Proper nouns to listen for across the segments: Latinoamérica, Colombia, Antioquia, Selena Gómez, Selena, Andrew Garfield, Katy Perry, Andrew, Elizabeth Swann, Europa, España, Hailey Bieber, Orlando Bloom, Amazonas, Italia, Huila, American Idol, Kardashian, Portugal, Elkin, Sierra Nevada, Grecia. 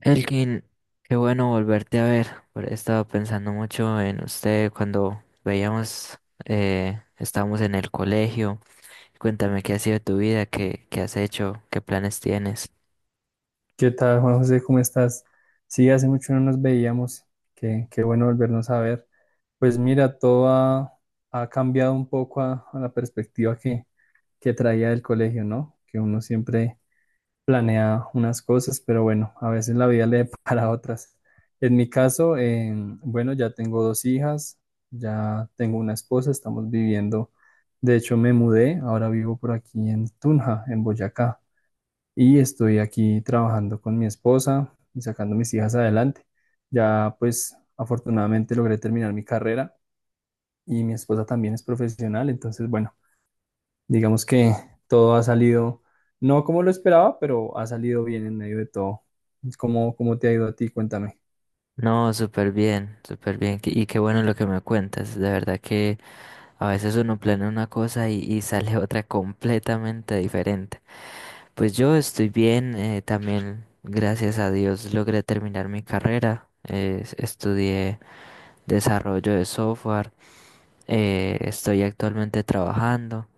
Elkin, qué bueno volverte a ver. He estado pensando mucho en usted cuando veíamos, estábamos en el colegio. Cuéntame qué ha sido de tu vida, qué has hecho, qué planes tienes. ¿Qué tal, Juan José? ¿Cómo estás? Sí, hace mucho no nos veíamos. Qué bueno volvernos a ver. Pues mira, ha cambiado un poco a la perspectiva que traía del colegio, ¿no? Que uno siempre planea unas cosas, pero bueno, a veces la vida le depara otras. En mi caso, bueno, ya tengo dos hijas, ya tengo una esposa, estamos viviendo. De hecho, me mudé, ahora vivo por aquí en Tunja, en Boyacá, y estoy aquí trabajando con mi esposa y sacando mis hijas adelante. Ya pues afortunadamente logré terminar mi carrera y mi esposa también es profesional, entonces bueno, digamos que todo ha salido, no como lo esperaba, pero ha salido bien en medio de todo. ¿Cómo te ha ido a ti? Cuéntame. No, súper bien, súper bien. Y qué bueno lo que me cuentas. De verdad que a veces uno planea una cosa y sale otra completamente diferente. Pues yo estoy bien, también gracias a Dios logré terminar mi carrera. Estudié desarrollo de software. Estoy actualmente trabajando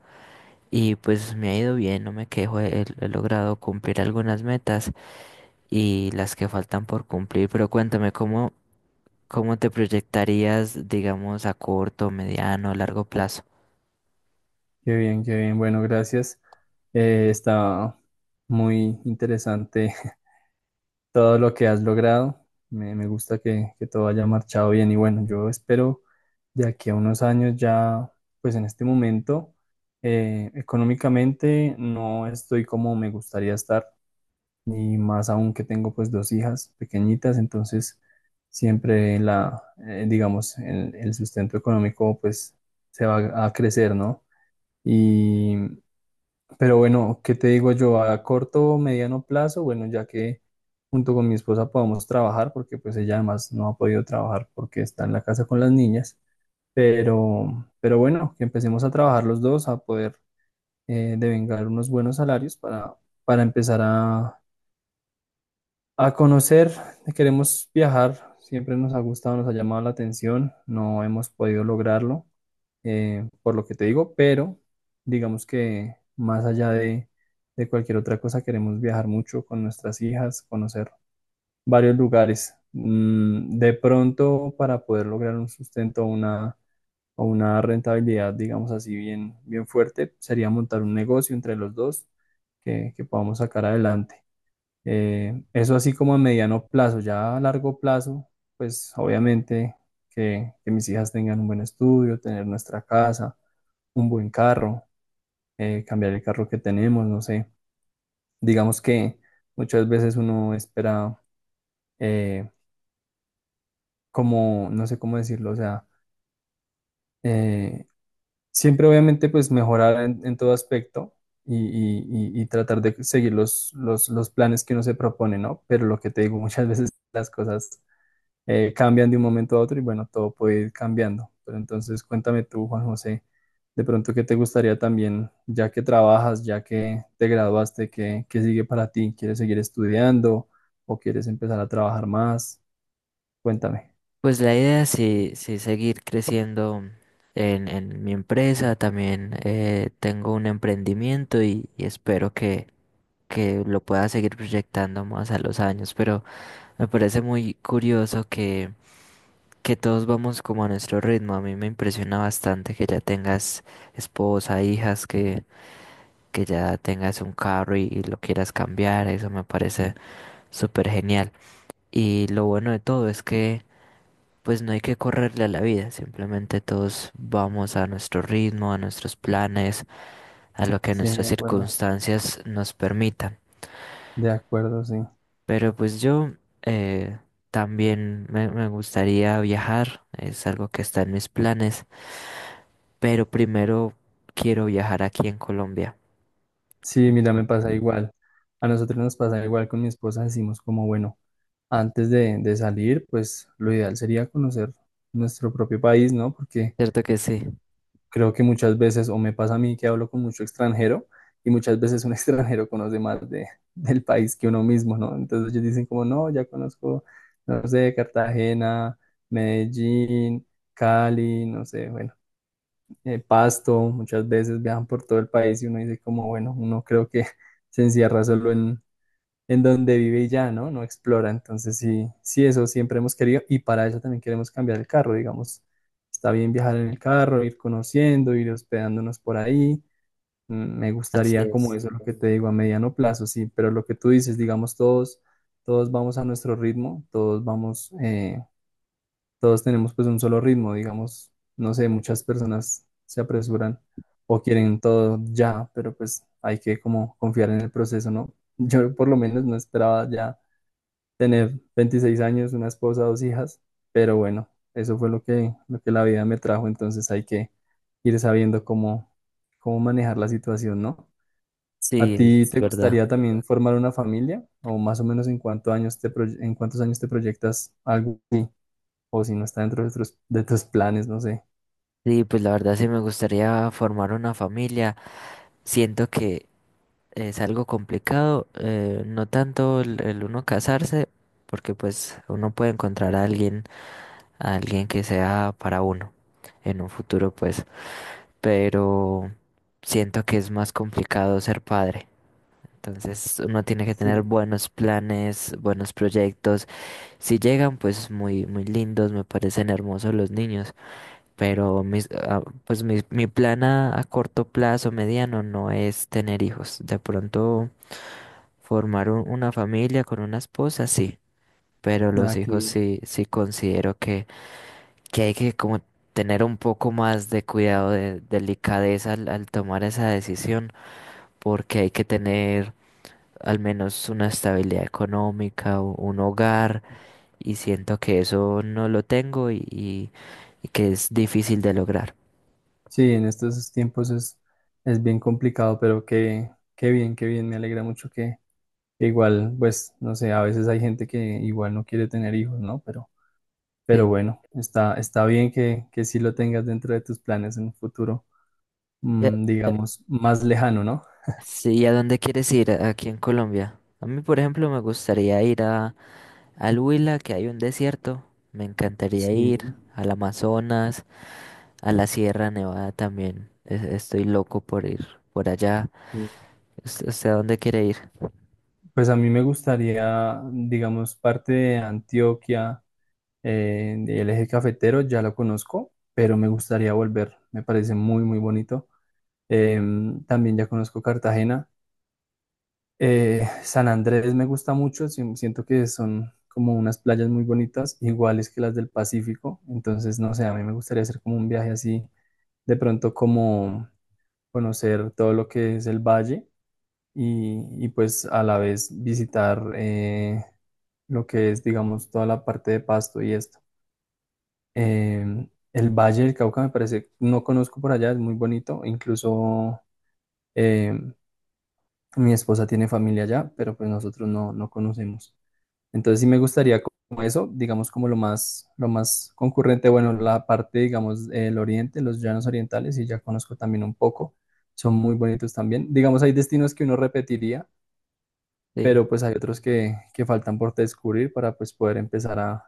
y pues me ha ido bien, no me quejo, he logrado cumplir algunas metas y las que faltan por cumplir. Pero cuéntame, ¿cómo te proyectarías, digamos, a corto, mediano, largo plazo? Qué bien, qué bien. Bueno, gracias. Está muy interesante todo lo que has logrado. Me gusta que todo haya marchado bien y bueno, yo espero de aquí a unos años ya, pues en este momento, económicamente no estoy como me gustaría estar, y más aún que tengo pues dos hijas pequeñitas, entonces digamos, el sustento económico pues se va a crecer, ¿no? Y pero bueno, ¿qué te digo yo? A corto o mediano plazo, bueno, ya que junto con mi esposa podamos trabajar, porque pues ella además no ha podido trabajar porque está en la casa con las niñas, pero bueno, que empecemos a trabajar los dos, a poder devengar unos buenos salarios para empezar a conocer. Queremos viajar, siempre nos ha gustado, nos ha llamado la atención, no hemos podido lograrlo, por lo que te digo, pero digamos que más allá de cualquier otra cosa, queremos viajar mucho con nuestras hijas, conocer varios lugares. Mm, de pronto, para poder lograr un sustento o una rentabilidad, digamos así, bien fuerte, sería montar un negocio entre los dos que podamos sacar adelante. Eso así como a mediano plazo, ya a largo plazo, pues obviamente que mis hijas tengan un buen estudio, tener nuestra casa, un buen carro, cambiar el carro que tenemos, no sé. Digamos que muchas veces uno espera eh, como, no sé cómo decirlo, o sea, eh, siempre obviamente pues mejorar en todo aspecto. Y tratar de seguir los, los planes que uno se propone, ¿no? Pero lo que te digo, muchas veces las cosas cambian de un momento a otro y bueno, todo puede ir cambiando. Pero entonces cuéntame tú, Juan José, de pronto qué te gustaría también, ya que trabajas, ya que te graduaste, ¿qué, qué sigue para ti? ¿Quieres seguir estudiando o quieres empezar a trabajar más? Cuéntame. Pues la idea es sí, sí seguir creciendo en mi empresa, también tengo un emprendimiento y espero que lo pueda seguir proyectando más a los años. Pero me parece muy curioso que todos vamos como a nuestro ritmo. A mí me impresiona bastante que ya tengas esposa, hijas, que ya tengas un carro y lo quieras cambiar. Eso me parece súper genial. Y lo bueno de todo es que pues no hay que correrle a la vida. Simplemente todos vamos a nuestro ritmo, a nuestros planes, a lo que Sí, nuestras de acuerdo. circunstancias nos permitan. De acuerdo, sí. Pero pues yo... eh, también me gustaría viajar, es algo que está en mis planes. Pero primero quiero viajar aquí en Colombia. Sí, mira, me pasa igual. A nosotros nos pasa igual con mi esposa, decimos como, bueno, antes de salir, pues lo ideal sería conocer nuestro propio país, ¿no? Porque ¿Cierto que sí? creo que muchas veces, o me pasa a mí que hablo con mucho extranjero, y muchas veces un extranjero conoce más del país que uno mismo, ¿no? Entonces ellos dicen como, no, ya conozco, no sé, Cartagena, Medellín, Cali, no sé, bueno, Pasto, muchas veces viajan por todo el país y uno dice como, bueno, uno creo que se encierra solo en donde vive y ya, ¿no? No explora. Entonces, sí, sí, eso siempre hemos querido y para eso también queremos cambiar el carro, digamos. Está bien viajar en el carro, ir conociendo, ir hospedándonos por ahí. Me Así gustaría como es. eso, lo que te digo, a mediano plazo, sí, pero lo que tú dices, digamos, todos, todos vamos a nuestro ritmo, todos vamos, todos tenemos pues un solo ritmo, digamos, no sé, muchas personas se apresuran o quieren todo ya, pero pues hay que como confiar en el proceso, ¿no? Yo por lo menos no esperaba ya tener 26 años, una esposa, dos hijas, pero bueno, eso fue lo que la vida me trajo, entonces hay que ir sabiendo cómo, cómo manejar la situación, ¿no? ¿A Sí, ti es te verdad. gustaría también formar una familia? ¿O más o menos en cuántos años en cuántos años te proyectas algo así? O si no está dentro de tus planes, no sé. Sí, pues la verdad sí me gustaría formar una familia. Siento que es algo complicado, no tanto el uno casarse, porque pues uno puede encontrar a alguien que sea para uno en un futuro, pues, pero siento que es más complicado ser padre. Entonces uno tiene que tener Sí. buenos planes, buenos proyectos. Si llegan, pues muy, muy lindos, me parecen hermosos los niños, pero mis, ah, pues mi plan a corto plazo, mediano, no es tener hijos. De pronto formar una familia con una esposa, sí, pero Ah, los qué hijos bien. sí, sí considero que hay que como tener un poco más de cuidado, de delicadeza al tomar esa decisión, porque hay que tener al menos una estabilidad económica, un hogar y siento que eso no lo tengo y que es difícil de lograr. Sí, en estos tiempos es bien complicado, pero qué, qué bien, qué bien. Me alegra mucho que. Igual, pues, no sé, a veces hay gente que igual no quiere tener hijos, ¿no? Pero Sí. bueno, está, está bien que sí lo tengas dentro de tus planes en un futuro, ¿Y a, mm, digamos, más lejano, ¿no? sí, ¿y a dónde quieres ir aquí en Colombia? A mí, por ejemplo, me gustaría ir a, al Huila, que hay un desierto. Me encantaría Sí, ir al Amazonas, a la Sierra Nevada también. Estoy loco por ir por allá. sí. ¿Usted, usted a dónde quiere ir? Pues a mí me gustaría, digamos, parte de Antioquia, del eje cafetero, ya lo conozco, pero me gustaría volver, me parece muy, muy bonito. Em, también ya conozco Cartagena. San Andrés me gusta mucho, siento que son como unas playas muy bonitas, iguales que las del Pacífico, entonces no sé, a mí me gustaría hacer como un viaje así, de pronto como conocer todo lo que es el valle y pues a la vez visitar lo que es, digamos, toda la parte de Pasto y esto. Em, el Valle del Cauca me parece, no conozco por allá, es muy bonito, incluso em, mi esposa tiene familia allá, pero pues nosotros no, no conocemos. Entonces sí me gustaría como eso, digamos como lo más concurrente, bueno, la parte, digamos, el oriente, los llanos orientales, y ya conozco también un poco, son muy bonitos también. Digamos, hay destinos que uno repetiría, Sí. pero pues hay otros que faltan por descubrir para pues poder empezar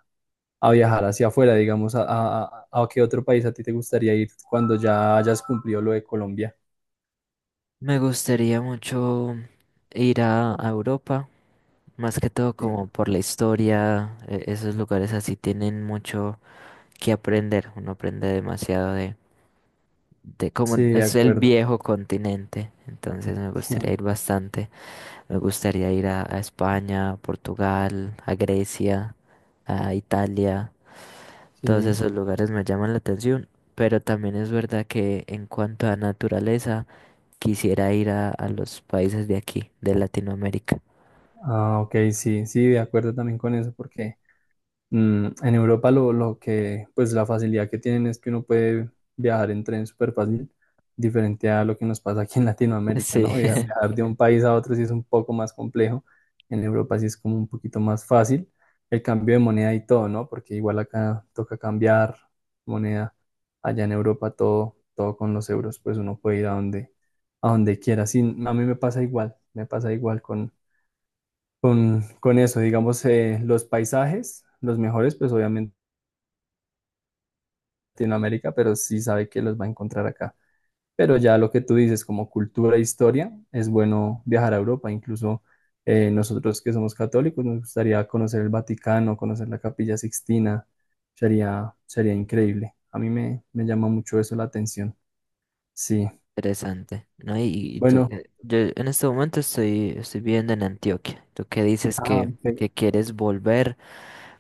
a viajar hacia afuera, digamos, a qué otro país a ti te gustaría ir cuando ya hayas cumplido lo de Colombia. Me gustaría mucho ir a Europa. Más que todo Sí. como por la historia, esos lugares así tienen mucho que aprender, uno aprende demasiado de cómo Sí, de es el acuerdo. viejo continente, entonces me gustaría ir bastante, me gustaría ir a España, a Portugal, a Grecia, a Italia, todos Sí. esos lugares me llaman la atención, pero también es verdad que en cuanto a naturaleza, quisiera ir a los países de aquí, de Latinoamérica. Ah, ok, sí, sí, de acuerdo también con eso, porque... Mm, en Europa lo que, pues la facilidad que tienen es que uno puede viajar en tren súper fácil, diferente a lo que nos pasa aquí en Latinoamérica, Sí. ¿no? Sí. Viajar de un país a otro sí es un poco más complejo, en Europa sí es como un poquito más fácil el cambio de moneda y todo, ¿no? Porque igual acá toca cambiar moneda, allá en Europa todo, todo con los euros, pues uno puede ir a donde quiera. Sí, a mí me pasa igual con eso, digamos, los paisajes, los mejores, pues obviamente en América, pero sí sabe que los va a encontrar acá. Pero ya lo que tú dices, como cultura e historia, es bueno viajar a Europa. Incluso nosotros que somos católicos, nos gustaría conocer el Vaticano, conocer la Capilla Sixtina. Sería increíble. A mí me llama mucho eso la atención. Sí. Interesante, ¿no? Y tú, Bueno, yo en este momento estoy, estoy viviendo en Antioquia. Tú que dices ah, ok. que quieres volver,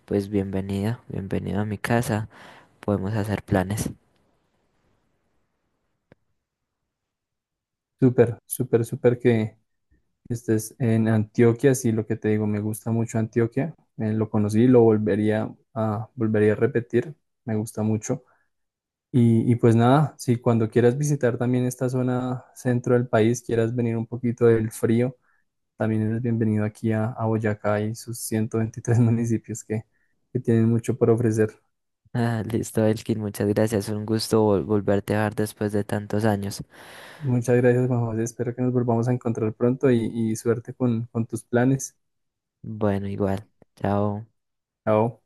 pues bienvenido, bienvenido a mi casa. Podemos hacer planes. Súper, súper, súper que estés en Antioquia, sí, lo que te digo, me gusta mucho Antioquia, lo conocí, lo volvería a, volvería a repetir, me gusta mucho. Y pues nada, si cuando quieras visitar también esta zona centro del país, quieras venir un poquito del frío, también eres bienvenido aquí a Boyacá y sus 123 municipios que tienen mucho por ofrecer. Ah, listo, Elkin, muchas gracias. Un gusto volverte a ver después de tantos años. Muchas gracias, Juan José, espero que nos volvamos a encontrar pronto y suerte con tus planes. Bueno, igual. Chao. Chao.